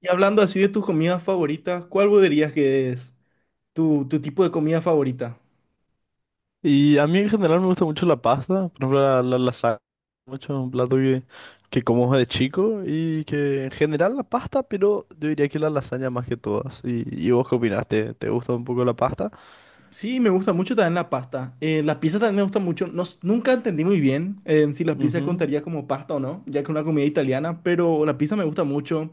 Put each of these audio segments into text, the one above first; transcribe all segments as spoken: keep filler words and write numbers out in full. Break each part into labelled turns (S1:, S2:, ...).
S1: Y hablando así de tus comidas favoritas, ¿cuál vos dirías que es tu, tu tipo de comida favorita?
S2: Y a mí en general me gusta mucho la pasta, por ejemplo la, la lasaña, mucho un plato que, que como de chico y que en general la pasta, pero yo diría que la lasaña más que todas. ¿Y, y vos qué opinás? ¿Te, te gusta un poco la pasta?
S1: Sí, me gusta mucho también la pasta. Eh, la pizza también me gusta mucho. No s- nunca entendí muy bien eh, si la pizza
S2: Ujú.
S1: contaría como pasta o no, ya que es una comida italiana, pero la pizza me gusta mucho.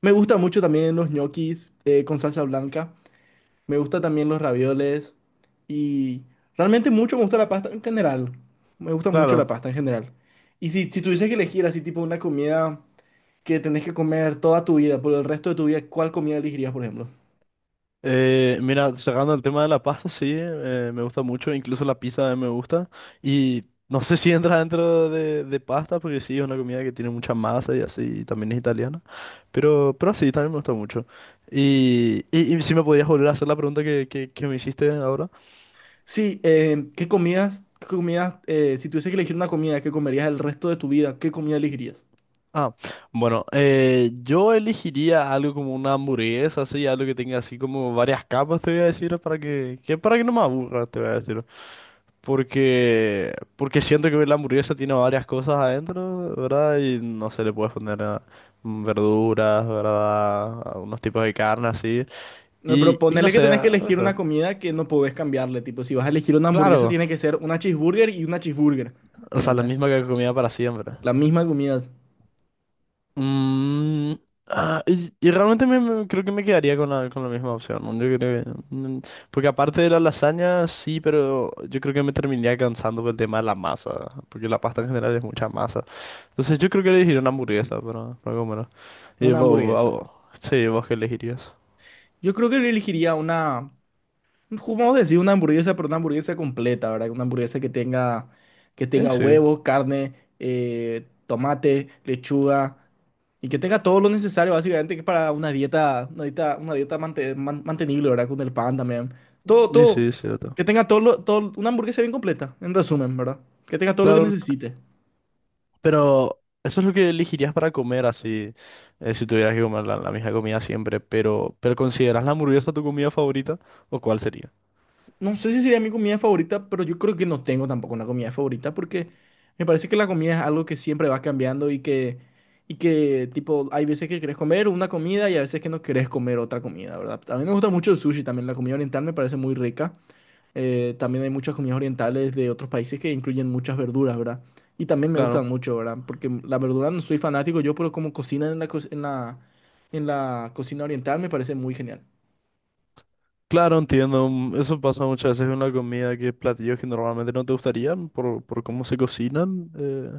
S1: Me gusta mucho también los ñoquis eh, con salsa blanca. Me gusta también los ravioles. Y Realmente mucho me gusta la pasta en general. Me gusta mucho la
S2: Claro.
S1: pasta en general. Y si, si tuviese que elegir así tipo una comida que tenés que comer toda tu vida, por el resto de tu vida, ¿cuál comida elegirías, por ejemplo?
S2: Eh, mira, sacando el tema de la pasta, sí, eh, me gusta mucho, incluso la pizza me gusta. Y no sé si entra dentro de, de pasta, porque sí, es una comida que tiene mucha masa y así, y también es italiana. Pero, pero sí, también me gustó mucho. Y, y, y si me podías volver a hacer la pregunta que, que, que me hiciste ahora.
S1: Sí, eh, ¿qué comidas, qué comidas, eh, si tuviese que elegir una comida que comerías el resto de tu vida, qué comida elegirías?
S2: Ah, bueno, eh, yo elegiría algo como una hamburguesa, así, algo que tenga así como varias capas, te voy a decir, para que, que para que no me aburra, te voy a decir. Porque, porque siento que la hamburguesa tiene varias cosas adentro, ¿verdad? Y no se le puedes poner ah, mm, verduras, ¿verdad? A unos tipos de carne así.
S1: No,
S2: Y,
S1: pero
S2: y no
S1: ponele que
S2: sé,
S1: tenés que
S2: ah,
S1: elegir una comida que no podés cambiarle, tipo, si vas a elegir una hamburguesa,
S2: claro,
S1: tiene que ser una cheeseburger y una cheeseburger,
S2: o sea, la
S1: ¿entendés?
S2: misma que comía para siempre.
S1: La misma comida,
S2: Mm, ah, y, y realmente me, me- creo que me quedaría con la, con la misma opción, ¿no? Yo creo que, mm, porque aparte de la lasaña, sí, pero yo creo que me terminaría cansando por el tema de la masa, porque la pasta en general es mucha masa. Entonces yo creo que elegiría una hamburguesa para, para comer. Y
S1: una
S2: vos, vos-
S1: hamburguesa.
S2: vos- sí, vos qué elegirías.
S1: Yo creo que le elegiría una, vamos a decir una hamburguesa, pero una hamburguesa completa, ¿verdad? Una hamburguesa que tenga, que
S2: Eh,
S1: tenga
S2: sí,
S1: huevo, carne, eh, tomate, lechuga y que tenga todo lo necesario, básicamente, que para una dieta, una dieta, una dieta mante- man- mantenible, ¿verdad? Con el pan también. Todo,
S2: eh, sí,
S1: todo.
S2: es cierto.
S1: Que tenga todo, lo- todo, una hamburguesa bien completa, en resumen, ¿verdad? Que tenga todo lo que
S2: Claro, c-
S1: necesite.
S2: pero eso es lo que elegirías para comer así, eh, si tuvieras que comer la, la misma comida siempre, pero, pero ¿consideras la hamburguesa tu comida favorita o cuál sería?
S1: No sé si sería mi comida favorita, pero yo creo que no tengo tampoco una comida favorita porque me parece que la comida es algo que siempre va cambiando y que, y que tipo, hay veces que querés comer una comida y a veces que no querés comer otra comida, ¿verdad? A mí me gusta mucho el sushi también, la comida oriental me parece muy rica. Eh, también hay muchas comidas orientales de otros países que incluyen muchas verduras, ¿verdad? Y también me gustan
S2: Claro,
S1: mucho, ¿verdad? Porque la verdura no soy fanático yo, pero como cocinan en la, co- en la, en la cocina oriental me parece muy genial.
S2: claro, entiendo. mm, Eso pasa muchas veces con la comida, que platillos que normalmente no te gustarían por, por cómo se cocinan, eh,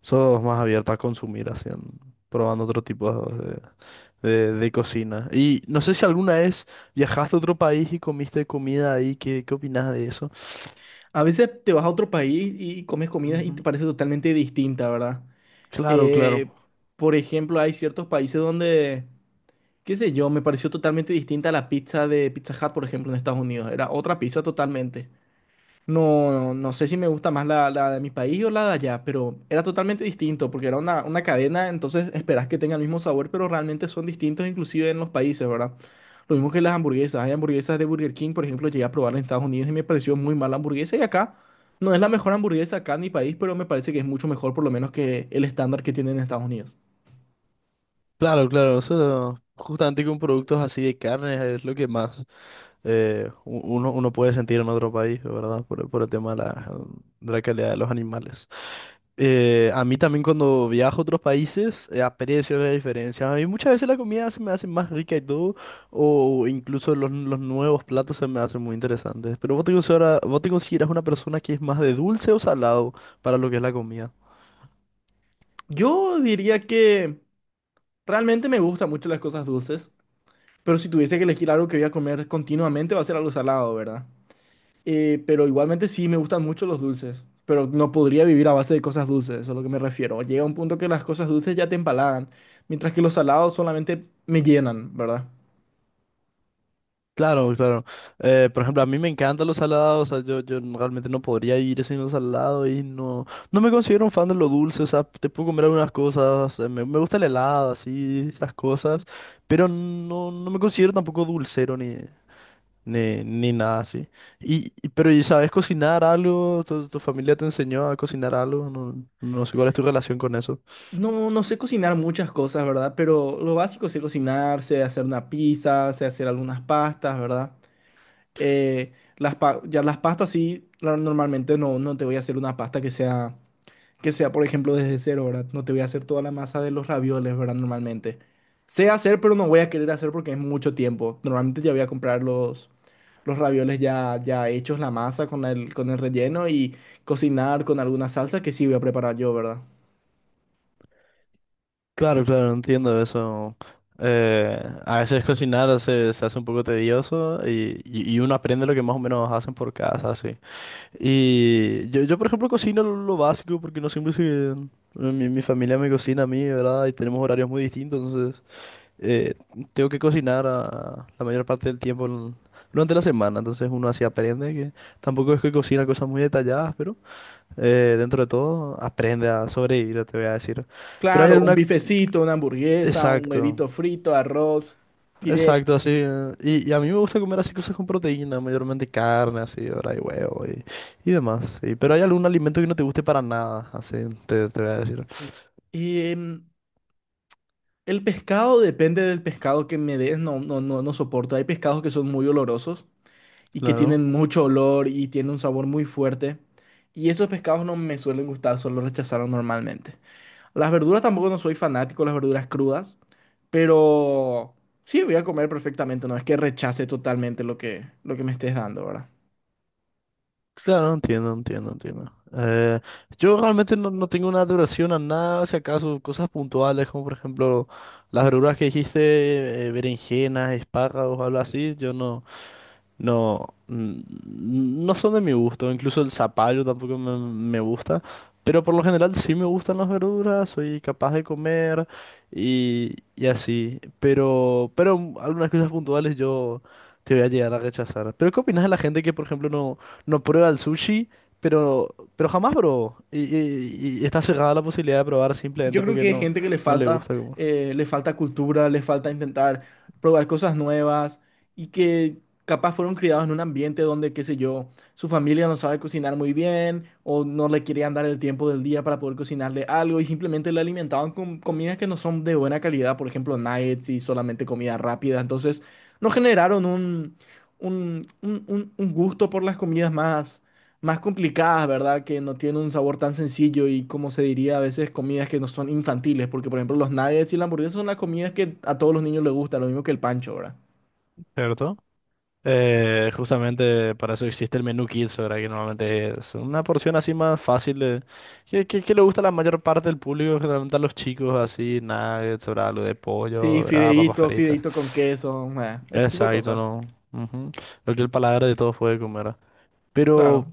S2: sos más abierta a consumir, así, en- probando otro tipo de, de- de cocina. Y no sé si alguna vez viajaste a otro país y comiste comida ahí, ¿qué, qué opinas de eso?
S1: A veces te vas a otro país y comes comidas y
S2: Ujú.
S1: te parece totalmente distinta, ¿verdad?
S2: Claro, claro.
S1: Eh, por ejemplo, hay ciertos países donde, qué sé yo, me pareció totalmente distinta la pizza de Pizza Hut, por ejemplo, en Estados Unidos. Era otra pizza totalmente. No, no, no sé si me gusta más la, la de mi país o la de allá, pero era totalmente distinto porque era una, una cadena, entonces esperás que tenga el mismo sabor, pero realmente son distintos inclusive en los países, ¿verdad? Lo mismo que las hamburguesas. Hay hamburguesas de Burger King, por ejemplo, llegué a probar en Estados Unidos y me pareció muy mala hamburguesa y acá no es la mejor hamburguesa acá en mi país, pero me parece que es mucho mejor por lo menos que el estándar que tienen en Estados Unidos.
S2: Claro, claro. Eso, justamente con productos así de carne es lo que más. Eh, u- uno, uno puede sentir en otro país, ¿verdad? Por, por el tema de la, de la calidad de los animales. Eh, a mí también cuando viajo a otros países eh, aprecio la diferencia. A mí muchas veces la comida se me hace más rica y todo, o incluso los, los nuevos platos se me hacen muy interesantes. Pero vos te consideras, vos te consideras una persona que es más de dulce o salado para lo que es la comida.
S1: Yo diría que realmente me gustan mucho las cosas dulces, pero si tuviese que elegir algo que voy a comer continuamente va a ser algo salado, ¿verdad? Eh, pero igualmente sí, me gustan mucho los dulces, pero no podría vivir a base de cosas dulces, eso es a lo que me refiero. Llega un punto que las cosas dulces ya te empalagan, mientras que los salados solamente me llenan, ¿verdad?
S2: Claro, claro. Eh, por ejemplo, a mí me encantan los salados, o sea, yo, yo no- realmente no podría vivir sin los salados y no, no me considero un fan de lo dulce, o sea, te puedo comer algunas cosas, eh, me, me gusta el helado, así, estas cosas, pero no, no me considero tampoco dulcero ni, ni, ni nada así. Y, y- pero, ¿y sabes cocinar algo? ¿Tu, tu familia te enseñó a cocinar algo? No, no sé cuál es tu relación con eso.
S1: No, no sé cocinar muchas cosas, ¿verdad? Pero lo básico sé cocinar, sé hacer una pizza, sé hacer algunas pastas, ¿verdad? Eh, las pa- ya las pastas sí, la- normalmente no, no te voy a hacer una pasta que sea, que sea, por ejemplo, desde cero, ¿verdad? No te voy a hacer toda la masa de los ravioles, ¿verdad? Normalmente. Sé hacer, pero no voy a querer hacer porque es mucho tiempo. Normalmente ya voy a comprar los, los ravioles ya, ya hechos, la masa con el, con el relleno y cocinar con alguna salsa que sí voy a preparar yo, ¿verdad?
S2: Claro, claro, entiendo eso. Eh, a veces cocinar se, se hace un poco tedioso y, y- y uno aprende lo que más o menos hacen por casa, así. Y yo, yo, por ejemplo, cocino lo, lo básico porque no siempre se... Mi, mi familia me cocina a mí, ¿verdad? Y tenemos horarios muy distintos, entonces eh, tengo que cocinar a- la mayor parte del tiempo en- durante la semana, entonces uno así aprende, que tampoco es que cocina cosas muy detalladas, pero eh, dentro de todo aprende a sobrevivir, te voy a decir. Pero hay
S1: Claro, un
S2: alguna.
S1: bifecito, una hamburguesa, un
S2: Exacto,
S1: huevito frito, arroz, fideo.
S2: exacto, así. eh, Y, y a mí me gusta comer así cosas con proteína, mayormente carne, así, ahora y huevo y, y demás. Sí. Pero hay algún alimento que no te guste para nada, así, te, te voy a decir.
S1: Y em, el pescado depende del pescado que me des, no, no, no, no soporto. Hay pescados que son muy olorosos y que
S2: Claro,
S1: tienen mucho olor y tienen un sabor muy fuerte. Y esos pescados no me suelen gustar, solo rechazaron normalmente. Las verduras tampoco no soy fanático, de las verduras crudas, pero sí voy a comer perfectamente, no es que rechace totalmente lo que, lo que me estés dando, ¿verdad?
S2: claro, entiendo, entiendo, entiendo. Eh, yo realmente no, no tengo una adoración a nada, si acaso cosas puntuales, como por ejemplo las verduras que dijiste, eh, berenjenas, espárragos, algo así, yo no. No, mm, no son de mi gusto, incluso el zapallo tampoco me, me gusta, pero por lo general sí me gustan las verduras, soy capaz de comer y, y así, pero, pero mm, algunas cosas puntuales yo te voy a llegar a rechazar. ¿Pero qué opinas de la gente que, por ejemplo, no, no prueba el sushi, pero, pero jamás probó y, y- y está cerrada la posibilidad de probar
S1: Y yo
S2: simplemente
S1: creo
S2: porque
S1: que hay
S2: no,
S1: gente que le
S2: no le
S1: falta,
S2: gusta como...
S1: eh, le falta cultura, le falta intentar probar cosas nuevas y que capaz fueron criados en un ambiente donde, qué sé yo, su familia no sabe cocinar muy bien o no le querían dar el tiempo del día para poder cocinarle algo y simplemente le alimentaban con comidas que no son de buena calidad, por ejemplo, nuggets y solamente comida rápida. Entonces, no generaron un, un, un un- un gusto por las comidas más, más complicadas, ¿verdad? Que no tienen un sabor tan sencillo y como se diría a veces comidas que no son infantiles, porque por ejemplo los nuggets y la hamburguesa son las comidas que a todos los niños les gusta, lo mismo que el pancho, ¿verdad?
S2: ¿Cierto? Eh, justamente para eso existe el menú Kids, ¿verdad? Que normalmente es una porción así más fácil de... Que, que, que le gusta a la mayor parte del público, generalmente a los chicos, así, nuggets, ¿verdad? Algo de
S1: Sí,
S2: pollo, ¿verdad? Papas
S1: fideíto,
S2: fritas.
S1: fideíto con queso, eh, ese tipo de
S2: Exacto,
S1: cosas.
S2: ¿no? Ujú. Lo que el paladar de todos puede comer. Pero,
S1: Claro.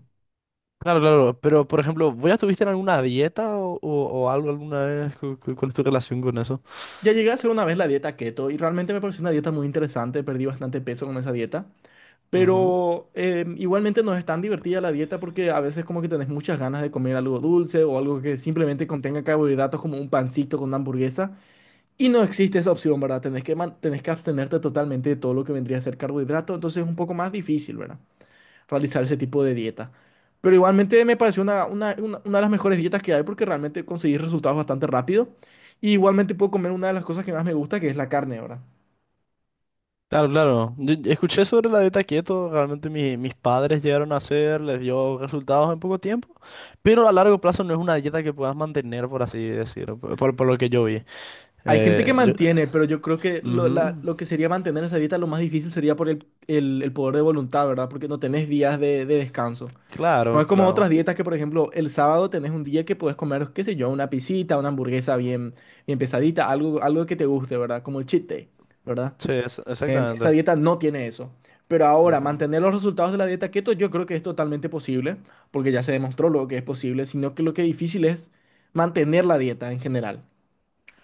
S2: claro, claro, pero por ejemplo, ¿vos ya estuviste en alguna dieta o, o- o algo alguna vez? ¿Cu- cu- ¿Cuál es tu relación con eso?
S1: Ya llegué a hacer una vez la dieta keto y realmente me pareció una dieta muy interesante, perdí bastante peso con esa dieta,
S2: Ujú.
S1: pero eh, igualmente no es tan divertida la dieta porque a veces como que tenés muchas ganas de comer algo dulce o algo que simplemente contenga carbohidratos como un pancito con una hamburguesa. Y no existe esa opción, ¿verdad? Tenés que, man- tenés que abstenerte totalmente de todo lo que vendría a ser carbohidrato, entonces es un poco más difícil, ¿verdad? Realizar ese tipo de dieta. Pero igualmente me pareció una, una, una- una de las mejores dietas que hay porque realmente conseguí resultados bastante rápido. Y igualmente puedo comer una de las cosas que más me gusta, que es la carne, ¿verdad?
S2: Claro, claro. Yo- yo escuché sobre la dieta keto, realmente mi- mis padres llegaron a hacer, les dio resultados en poco tiempo, pero a largo plazo no es una dieta que puedas mantener, por así decirlo, por, por- por lo que yo vi.
S1: Hay gente que
S2: Eh, yo-
S1: mantiene, pero yo creo que lo, la-
S2: Ujú.
S1: lo que sería mantener esa dieta, lo más difícil sería por el, el- el poder de voluntad, ¿verdad? Porque no tenés días de de descanso. No
S2: Claro,
S1: es como otras
S2: claro.
S1: dietas que, por ejemplo, el sábado tenés un día que puedes comer, qué sé yo, una pisita, una hamburguesa bien, bien pesadita, algo, algo que te guste, ¿verdad? Como el cheat day, ¿verdad?
S2: Sí, es-
S1: Em, esa
S2: exactamente.
S1: dieta no tiene eso. Pero ahora,
S2: Ujú.
S1: mantener los resultados de la dieta keto, yo creo que es totalmente posible, porque ya se demostró lo que es posible, sino que lo que es difícil es mantener la dieta en general.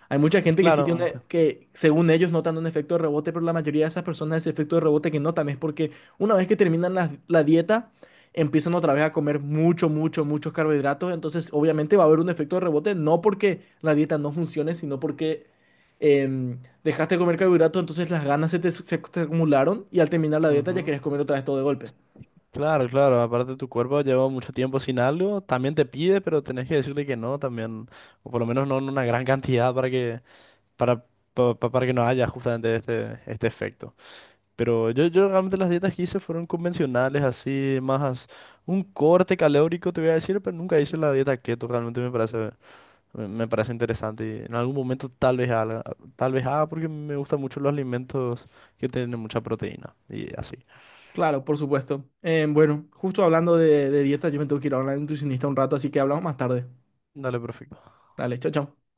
S1: Hay mucha gente que sí tiene,
S2: Claro,
S1: una- que según ellos notan un efecto de rebote, pero la mayoría de esas personas ese efecto de rebote que notan es porque una vez que terminan la, la dieta, empiezan otra vez a comer mucho, mucho, muchos carbohidratos. Entonces, obviamente va a haber un efecto de rebote, no porque la dieta no funcione, sino porque em, dejaste de comer carbohidratos, entonces las ganas se te, se te acumularon y al terminar la dieta ya
S2: ujú.
S1: querías comer otra vez todo de golpe.
S2: Claro, claro. Aparte tu cuerpo lleva mucho tiempo sin algo, también te pide, pero tenés que decirle que no también, o por lo menos no en una gran cantidad para que, para, pa- pa- para que no haya justamente este, este efecto. Pero yo, yo realmente las dietas que hice fueron convencionales, así, más un corte calórico, te voy a decir, pero nunca hice la dieta keto, realmente me parece, me, me parece interesante. Y en algún momento tal vez haga, tal vez haga porque me gustan mucho los alimentos que tienen mucha proteína y así.
S1: Claro, por supuesto. Em, bueno, justo hablando de, de dieta, yo me tengo que ir a hablar de nutricionista un rato, así que hablamos más tarde.
S2: Dale, perfecto.
S1: Dale, chao, chao.